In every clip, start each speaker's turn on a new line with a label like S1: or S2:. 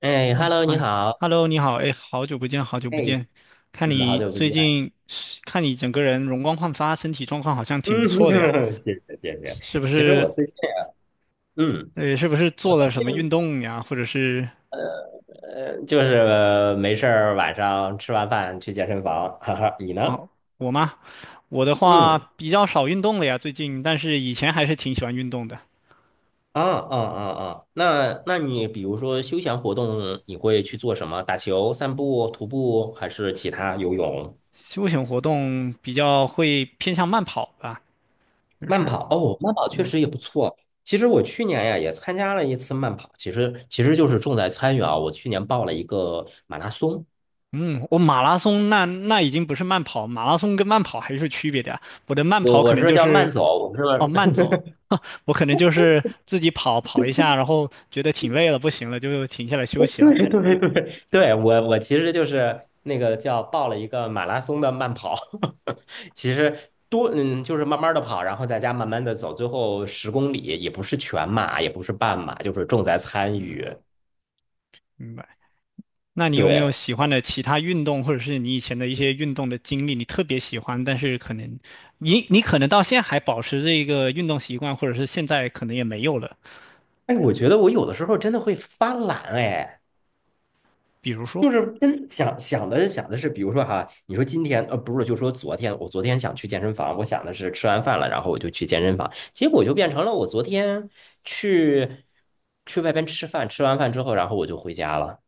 S1: 哎
S2: 哎，
S1: ，Hello，
S2: 哎
S1: 你
S2: 呀
S1: 好。
S2: ，Hello，你好，哎，好久不见，好久不
S1: 哎，
S2: 见，看
S1: 嗯，好
S2: 你
S1: 久不
S2: 最
S1: 见。
S2: 近看你整个人容光焕发，身体状况好像
S1: 嗯，
S2: 挺不错的呀，
S1: 谢谢谢谢。
S2: 是不
S1: 其实我
S2: 是？
S1: 最近啊，嗯，
S2: 是不是
S1: 我
S2: 做
S1: 最
S2: 了什么运
S1: 近
S2: 动呀？或者是
S1: 呃，就是没事儿，晚上吃完饭去健身房。哈哈，你呢？
S2: 哦，我吗？我的话
S1: 嗯，
S2: 比较少运动了呀，最近，但是以前还是挺喜欢运动的，
S1: 啊啊啊啊，那你比如说休闲活动，你会去做什么？打球、散步、徒步，还是其他游泳、
S2: 休闲活动比较会偏向慢跑吧，就
S1: 慢
S2: 是。
S1: 跑？哦，慢跑确
S2: 嗯。
S1: 实也不错。其实我去年呀也参加了一次慢跑，其实就是重在参与啊。我去年报了一个马拉松。
S2: 嗯，我马拉松那已经不是慢跑，马拉松跟慢跑还是有区别的呀。我的慢跑
S1: 我
S2: 可
S1: 我
S2: 能
S1: 说
S2: 就
S1: 叫
S2: 是
S1: 慢走，我说
S2: 哦慢 走，我可能就是自己跑跑一下，然后觉得挺累了，不行了就停下来休
S1: 对
S2: 息了。
S1: 对对 对，我其实就是那个叫报了一个马拉松的慢跑，其实就是慢慢的跑，然后在家慢慢的走，最后10公里也不是全马，也不是半马，就是重在参
S2: 嗯，
S1: 与。
S2: 明白。那你有没有
S1: 对，
S2: 喜欢的其他运动，或者是你以前的一些运动的经历，你特别喜欢，但是可能你可能到现在还保持这个运动习惯，或者是现在可能也没有了，
S1: 哎，我觉得我有的时候真的会发懒哎。
S2: 比如说？
S1: 就是跟想想的想的是，比如说哈，你说今天不是，就说昨天，我昨天想去健身房，我想的是吃完饭了，然后我就去健身房，结果就变成了我昨天去去外边吃饭，吃完饭之后，然后我就回家了。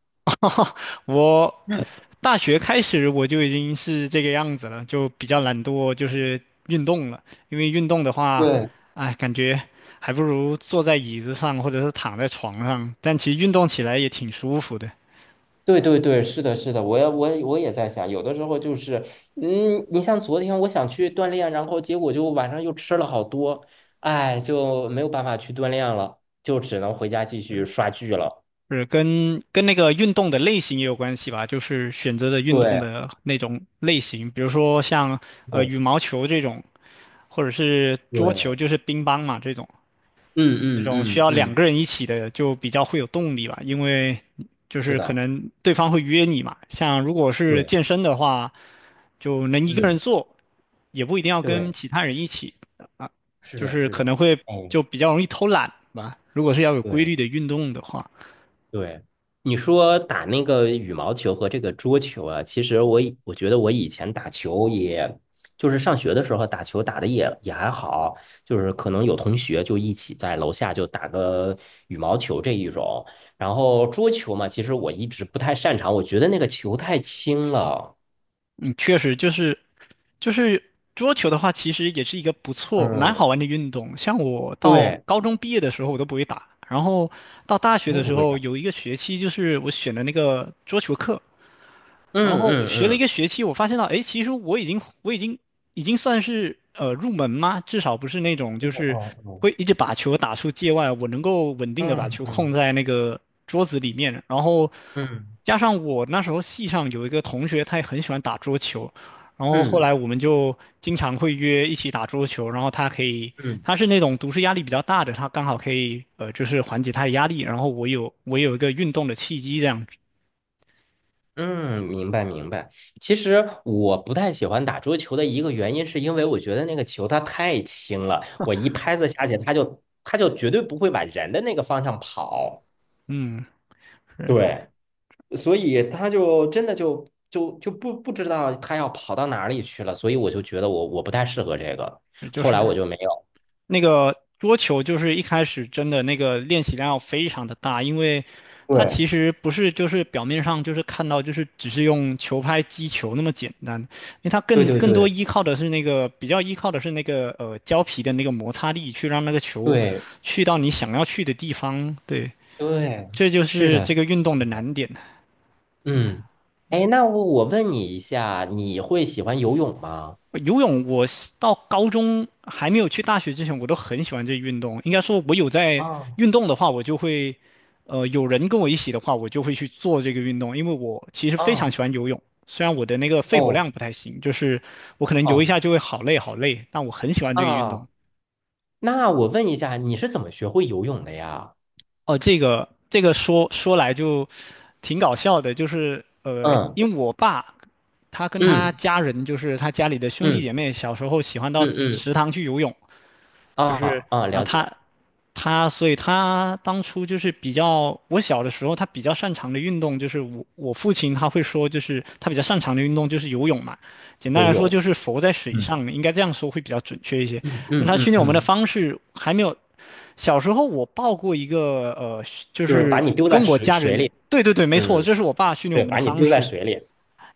S2: 我
S1: 嗯，
S2: 大学开始我就已经是这个样子了，就比较懒惰，就是运动了。因为运动的话，
S1: 对，
S2: 哎，感觉还不如坐在椅子上或者是躺在床上，但其实运动起来也挺舒服的。
S1: 对对对，是的，是的，我也在想，有的时候就是，嗯，你像昨天我想去锻炼，然后结果就晚上又吃了好多，哎，就没有办法去锻炼了，就只能回家继续刷剧了。
S2: 是跟那个运动的类型也有关系吧，就是选择的运动
S1: 对，
S2: 的那种类型，比如说像
S1: 对，
S2: 羽毛球这种，或者是桌球，
S1: 对
S2: 就是乒乓嘛这种。
S1: 嗯
S2: 这
S1: 嗯
S2: 种需
S1: 嗯
S2: 要两
S1: 嗯，
S2: 个人一起的就比较会有动力吧，因为就
S1: 是
S2: 是可
S1: 的，
S2: 能对方会约你嘛。像如果是
S1: 对，
S2: 健身的话，就能一个人
S1: 嗯
S2: 做，也不一定要跟
S1: 对，
S2: 其他人一起啊，
S1: 是
S2: 就
S1: 的，
S2: 是
S1: 是
S2: 可
S1: 的，
S2: 能会
S1: 哎，
S2: 就比较容易偷懒吧。如果是要有规
S1: 对
S2: 律的运动的话，
S1: 对，你说打那个羽毛球和这个桌球啊，其实我觉得我以前打球也，就是上学的时候打球打的也还好，就是可能有同学就一起在楼下就打个羽毛球这一种，然后桌球嘛，其实我一直不太擅长，我觉得那个球太轻了。
S2: 嗯，确实就是就是桌球的话，其实也是一个不错、蛮好
S1: 嗯，
S2: 玩的运动。像我到
S1: 对，
S2: 高中毕业的时候，我都不会打，然后到大学
S1: 我
S2: 的
S1: 也
S2: 时
S1: 不会
S2: 候
S1: 打。
S2: 有一个学期，就是我选的那个桌球课，
S1: 嗯
S2: 然后我
S1: 嗯
S2: 学了一个
S1: 嗯。
S2: 学期，我发现到，哎，其实我已经已经算是入门吗？至少不是那种就
S1: 哦
S2: 是
S1: 哦哦
S2: 会一直把球打出界外，我能够稳定的把
S1: 嗯
S2: 球控
S1: 嗯
S2: 在那个桌子里面。然后
S1: 嗯
S2: 加上我那时候系上有一个同学，他也很喜欢打桌球，然后后
S1: 嗯
S2: 来我们就经常会约一起打桌球。然后他可以，
S1: 嗯
S2: 他是那种读书压力比较大的，他刚好可以就是缓解他的压力。然后我有一个运动的契机这样子，
S1: 嗯，明白明白。其实我不太喜欢打桌球的一个原因，是因为我觉得那个球它太轻了，我一拍子下去，它就绝对不会往人的那个方向跑。
S2: 嗯，是
S1: 对，所以它就真的就不知道它要跑到哪里去了，所以我就觉得我不太适合这个，
S2: 是就
S1: 后来我
S2: 是。
S1: 就没有。
S2: 那个桌球就是一开始真的那个练习量要非常的大，因为它其
S1: 对
S2: 实不是就是表面上就是看到就是只是用球拍击球那么简单，因为它
S1: 对
S2: 更
S1: 对
S2: 更多
S1: 对
S2: 依靠的是那个比较依靠的是那个胶皮的那个摩擦力去让那个球
S1: 对
S2: 去到你想要去的地方，对，
S1: 对，
S2: 这就
S1: 是
S2: 是
S1: 的。
S2: 这个运动的难点。
S1: 嗯，哎，那我问你一下，你会喜欢游泳吗？
S2: 游泳我是到高中还没有去大学之前，我都很喜欢这运动。应该说，我有在
S1: 啊
S2: 运动的话，我就会，有人跟我一起的话，我就会去做这个运动，因为我其实非常
S1: 啊
S2: 喜欢游泳。虽然我的那个肺活
S1: 哦
S2: 量不太行，就是我可能游一
S1: 哦
S2: 下就会好累好累，但我很喜欢这个运动。
S1: 啊，那我问一下，你是怎么学会游泳的呀？
S2: 哦，这个这个说来就挺搞笑的，就是
S1: 嗯
S2: 因为我爸他跟他
S1: 嗯
S2: 家人，就是他家里的兄弟
S1: 嗯
S2: 姐妹，小时候喜欢到
S1: 嗯嗯
S2: 池塘去游泳。就是
S1: 啊啊，
S2: 啊，
S1: 了解
S2: 所以他当初就是比较，我小的时候他比较擅长的运动就是我父亲他会说，就是他比较擅长的运动就是游泳嘛，简单
S1: 游
S2: 来说就
S1: 泳。
S2: 是浮在水
S1: 嗯
S2: 上，应该这样说会比较准确一些。
S1: 嗯
S2: 那
S1: 嗯
S2: 他
S1: 嗯
S2: 训练我们的
S1: 嗯，
S2: 方式还没有，小时候我报过一个就
S1: 就是啊把
S2: 是
S1: 你丢
S2: 跟
S1: 在
S2: 我
S1: 水
S2: 家
S1: 水
S2: 人。
S1: 里。
S2: 对对对，没错，
S1: 嗯，
S2: 这是我爸训练我
S1: 对，
S2: 们的
S1: 把你
S2: 方
S1: 丢在
S2: 式。
S1: 水里。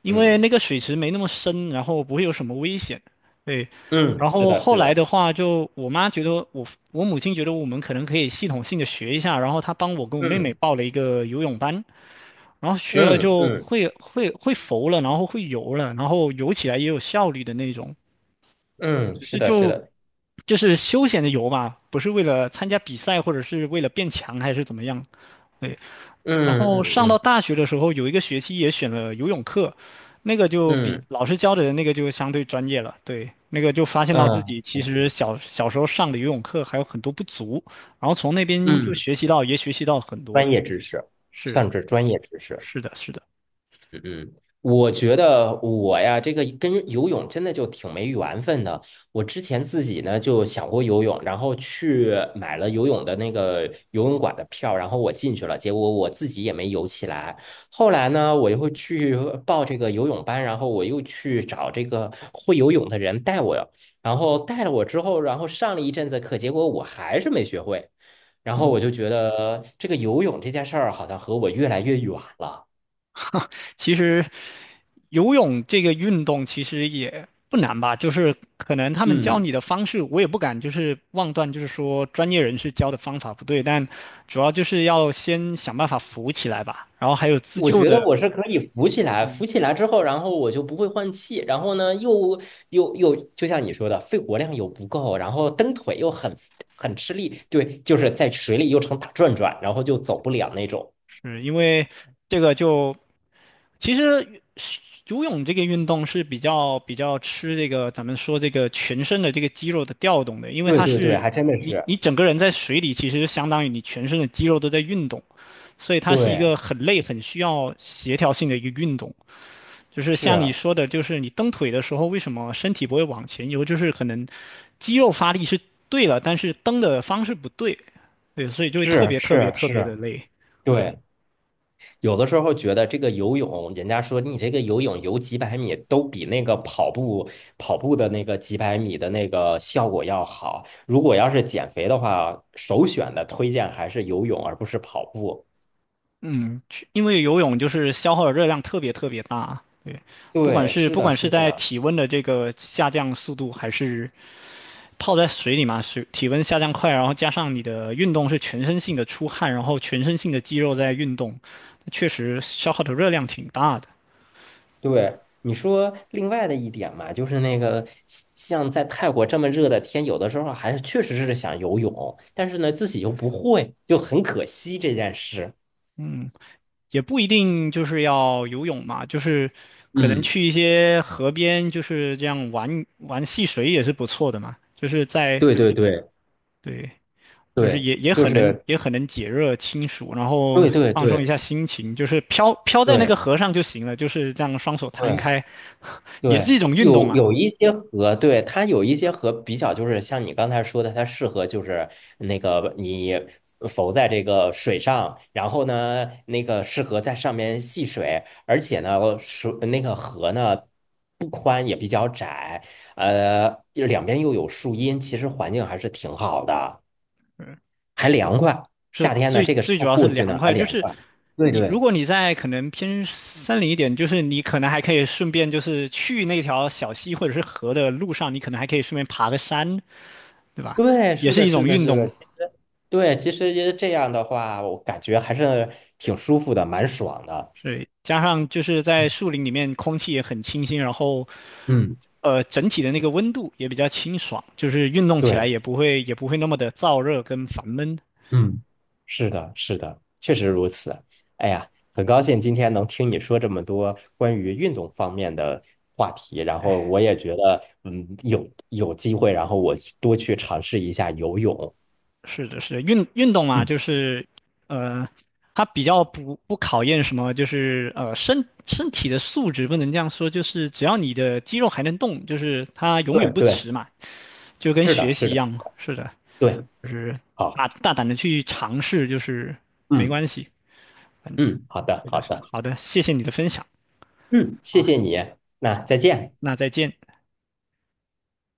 S2: 因为
S1: 嗯
S2: 那个水池没那么深，然后不会有什么危险。对，
S1: 嗯，
S2: 然
S1: 是
S2: 后
S1: 的，
S2: 后
S1: 是
S2: 来
S1: 的。
S2: 的话就，我母亲觉得我们可能可以系统性的学一下，然后她帮我跟我妹妹
S1: 嗯
S2: 报了一个游泳班，然后学了
S1: 嗯
S2: 就
S1: 嗯
S2: 会浮了，然后会游了，然后游起来也有效率的那种，
S1: 嗯，
S2: 只
S1: 是
S2: 是
S1: 的，是
S2: 就
S1: 的。
S2: 就是休闲的游嘛，不是为了参加比赛或者是为了变强还是怎么样。对。然
S1: 嗯
S2: 后
S1: 嗯
S2: 上到
S1: 嗯
S2: 大学的时候，有一个学期也选了游泳课，那个就比
S1: 嗯
S2: 老师教的那个就相对专业了。对，那个就发现到自
S1: 嗯
S2: 己其实小时候上的游泳课还有很多不足，然后从那边就
S1: 嗯。
S2: 学习到，也学习到很多。
S1: 专业知识，
S2: 是
S1: 算是专业知识。
S2: 是的，是的，
S1: 嗯，我觉得我呀，这个跟游泳真的就挺没缘分的。我之前自己呢就想过游泳，然后去买了游泳的那个游泳馆的票，然后我进去了，结果我自己也没游起来。后来呢，我又去报这个游泳班，然后我又去找这个会游泳的人带我，然后带了我之后，然后上了一阵子课，结果我还是没学会。然后我
S2: 嗯。
S1: 就觉得这个游泳这件事儿好像和我越来越远了。
S2: 其实游泳这个运动其实也不难吧，就是可能他们教
S1: 嗯。
S2: 你的方式，我也不敢就是妄断，就是说专业人士教的方法不对，但主要就是要先想办法浮起来吧。然后还有自
S1: 我
S2: 救
S1: 觉
S2: 的，
S1: 得我是可以浮起来，浮起来之后，然后我就不会换气，然后呢，又又又，就像你说的，肺活量又不够，然后蹬腿又很吃力，对，就是在水里又成打转转，然后就走不了那种。
S2: 是因为这个就其实游泳这个运动是比较吃这个咱们说这个全身的这个肌肉的调动的，因为
S1: 对
S2: 它
S1: 对对，
S2: 是
S1: 还真的
S2: 你
S1: 是，
S2: 你整个人在水里，其实相当于你全身的肌肉都在运动。所以它是一
S1: 对，
S2: 个很累、很需要协调性的一个运动。就是像你
S1: 是
S2: 说的，就是你蹬腿的时候，为什么身体不会往前游？就是可能肌肉发力是对了，但是蹬的方式不对，对，所以就会特
S1: 是
S2: 别特别
S1: 是
S2: 特别
S1: 是，
S2: 的累。
S1: 对。有的时候觉得这个游泳，人家说你这个游泳游几百米都比那个跑步的那个几百米的那个效果要好。如果要是减肥的话，首选的推荐还是游泳，而不是跑步。
S2: 嗯，去因为游泳就是消耗的热量特别大，对，不管
S1: 对，
S2: 是
S1: 是
S2: 不
S1: 的，
S2: 管是
S1: 是
S2: 在
S1: 的，
S2: 体温的这个下降速度，还是泡在水里嘛，水体温下降快，然后加上你的运动是全身性的出汗，然后全身性的肌肉在运动，确实消耗的热量挺大的。
S1: 对。你说另外的一点嘛，就是那个像在泰国这么热的天，有的时候还是确实是想游泳，但是呢自己又不会，就很可惜这件事。
S2: 嗯，也不一定就是要游泳嘛，就是可能
S1: 嗯，
S2: 去一些河边，就是这样玩玩戏水也是不错的嘛。就是在
S1: 对对对
S2: 对，就是
S1: 对，
S2: 也也
S1: 就
S2: 很能
S1: 是
S2: 也很能解热清暑，然后
S1: 对对
S2: 放松一
S1: 对。
S2: 下心情，就是飘飘在那
S1: 对
S2: 个河上就行了，就是这样双手摊
S1: 对
S2: 开，也是
S1: 对，
S2: 一种运动
S1: 有
S2: 嘛。
S1: 有一些河，对，它有一些河比较就是像你刚才说的，它适合就是那个你浮在这个水上，然后呢，那个适合在上面戏水，而且呢，水那个河呢不宽也比较窄，两边又有树荫，其实环境还是挺好的，
S2: 嗯。
S1: 还凉快。
S2: 是
S1: 夏天呢，
S2: 最
S1: 这个时
S2: 最主
S1: 候
S2: 要是
S1: 过去
S2: 凉
S1: 呢还
S2: 快，就
S1: 凉
S2: 是
S1: 快。对
S2: 你如
S1: 对
S2: 果你在可能偏森林一点，就是你可能还可以顺便就是去那条小溪或者是河的路上，你可能还可以顺便爬个山，对吧？
S1: 对，
S2: 也
S1: 是
S2: 是
S1: 的，
S2: 一
S1: 是
S2: 种
S1: 的，
S2: 运
S1: 是的，
S2: 动。
S1: 其实对，其实这样的话，我感觉还是挺舒服的，蛮爽的。
S2: 所以加上就是在树林里面空气也很清新，然后
S1: 嗯，
S2: 整体的那个温度也比较清爽，就是运动起来
S1: 对，
S2: 也不会那么的燥热跟烦闷。
S1: 嗯，是的，是的，确实如此。哎呀，很高兴今天能听你说这么多关于运动方面的话题，然后我也觉得，嗯，有机会，然后我去多去尝试一下游泳。
S2: 是的，是的，运动嘛，
S1: 嗯，
S2: 就是呃，它比较不考验什么，就是身体的素质不能这样说，就是只要你的肌肉还能动，就是它永远
S1: 对
S2: 不
S1: 对，
S2: 迟嘛，就跟
S1: 是的，
S2: 学
S1: 是
S2: 习一
S1: 的，
S2: 样嘛。是的，
S1: 对，
S2: 就是
S1: 好，
S2: 大胆的去尝试，就是没
S1: 嗯
S2: 关系。
S1: 嗯，好的，
S2: 是
S1: 好
S2: 的，是的，
S1: 的，
S2: 好的，谢谢你的分享
S1: 嗯，谢
S2: 啊，
S1: 谢你，那再见。
S2: 那再见。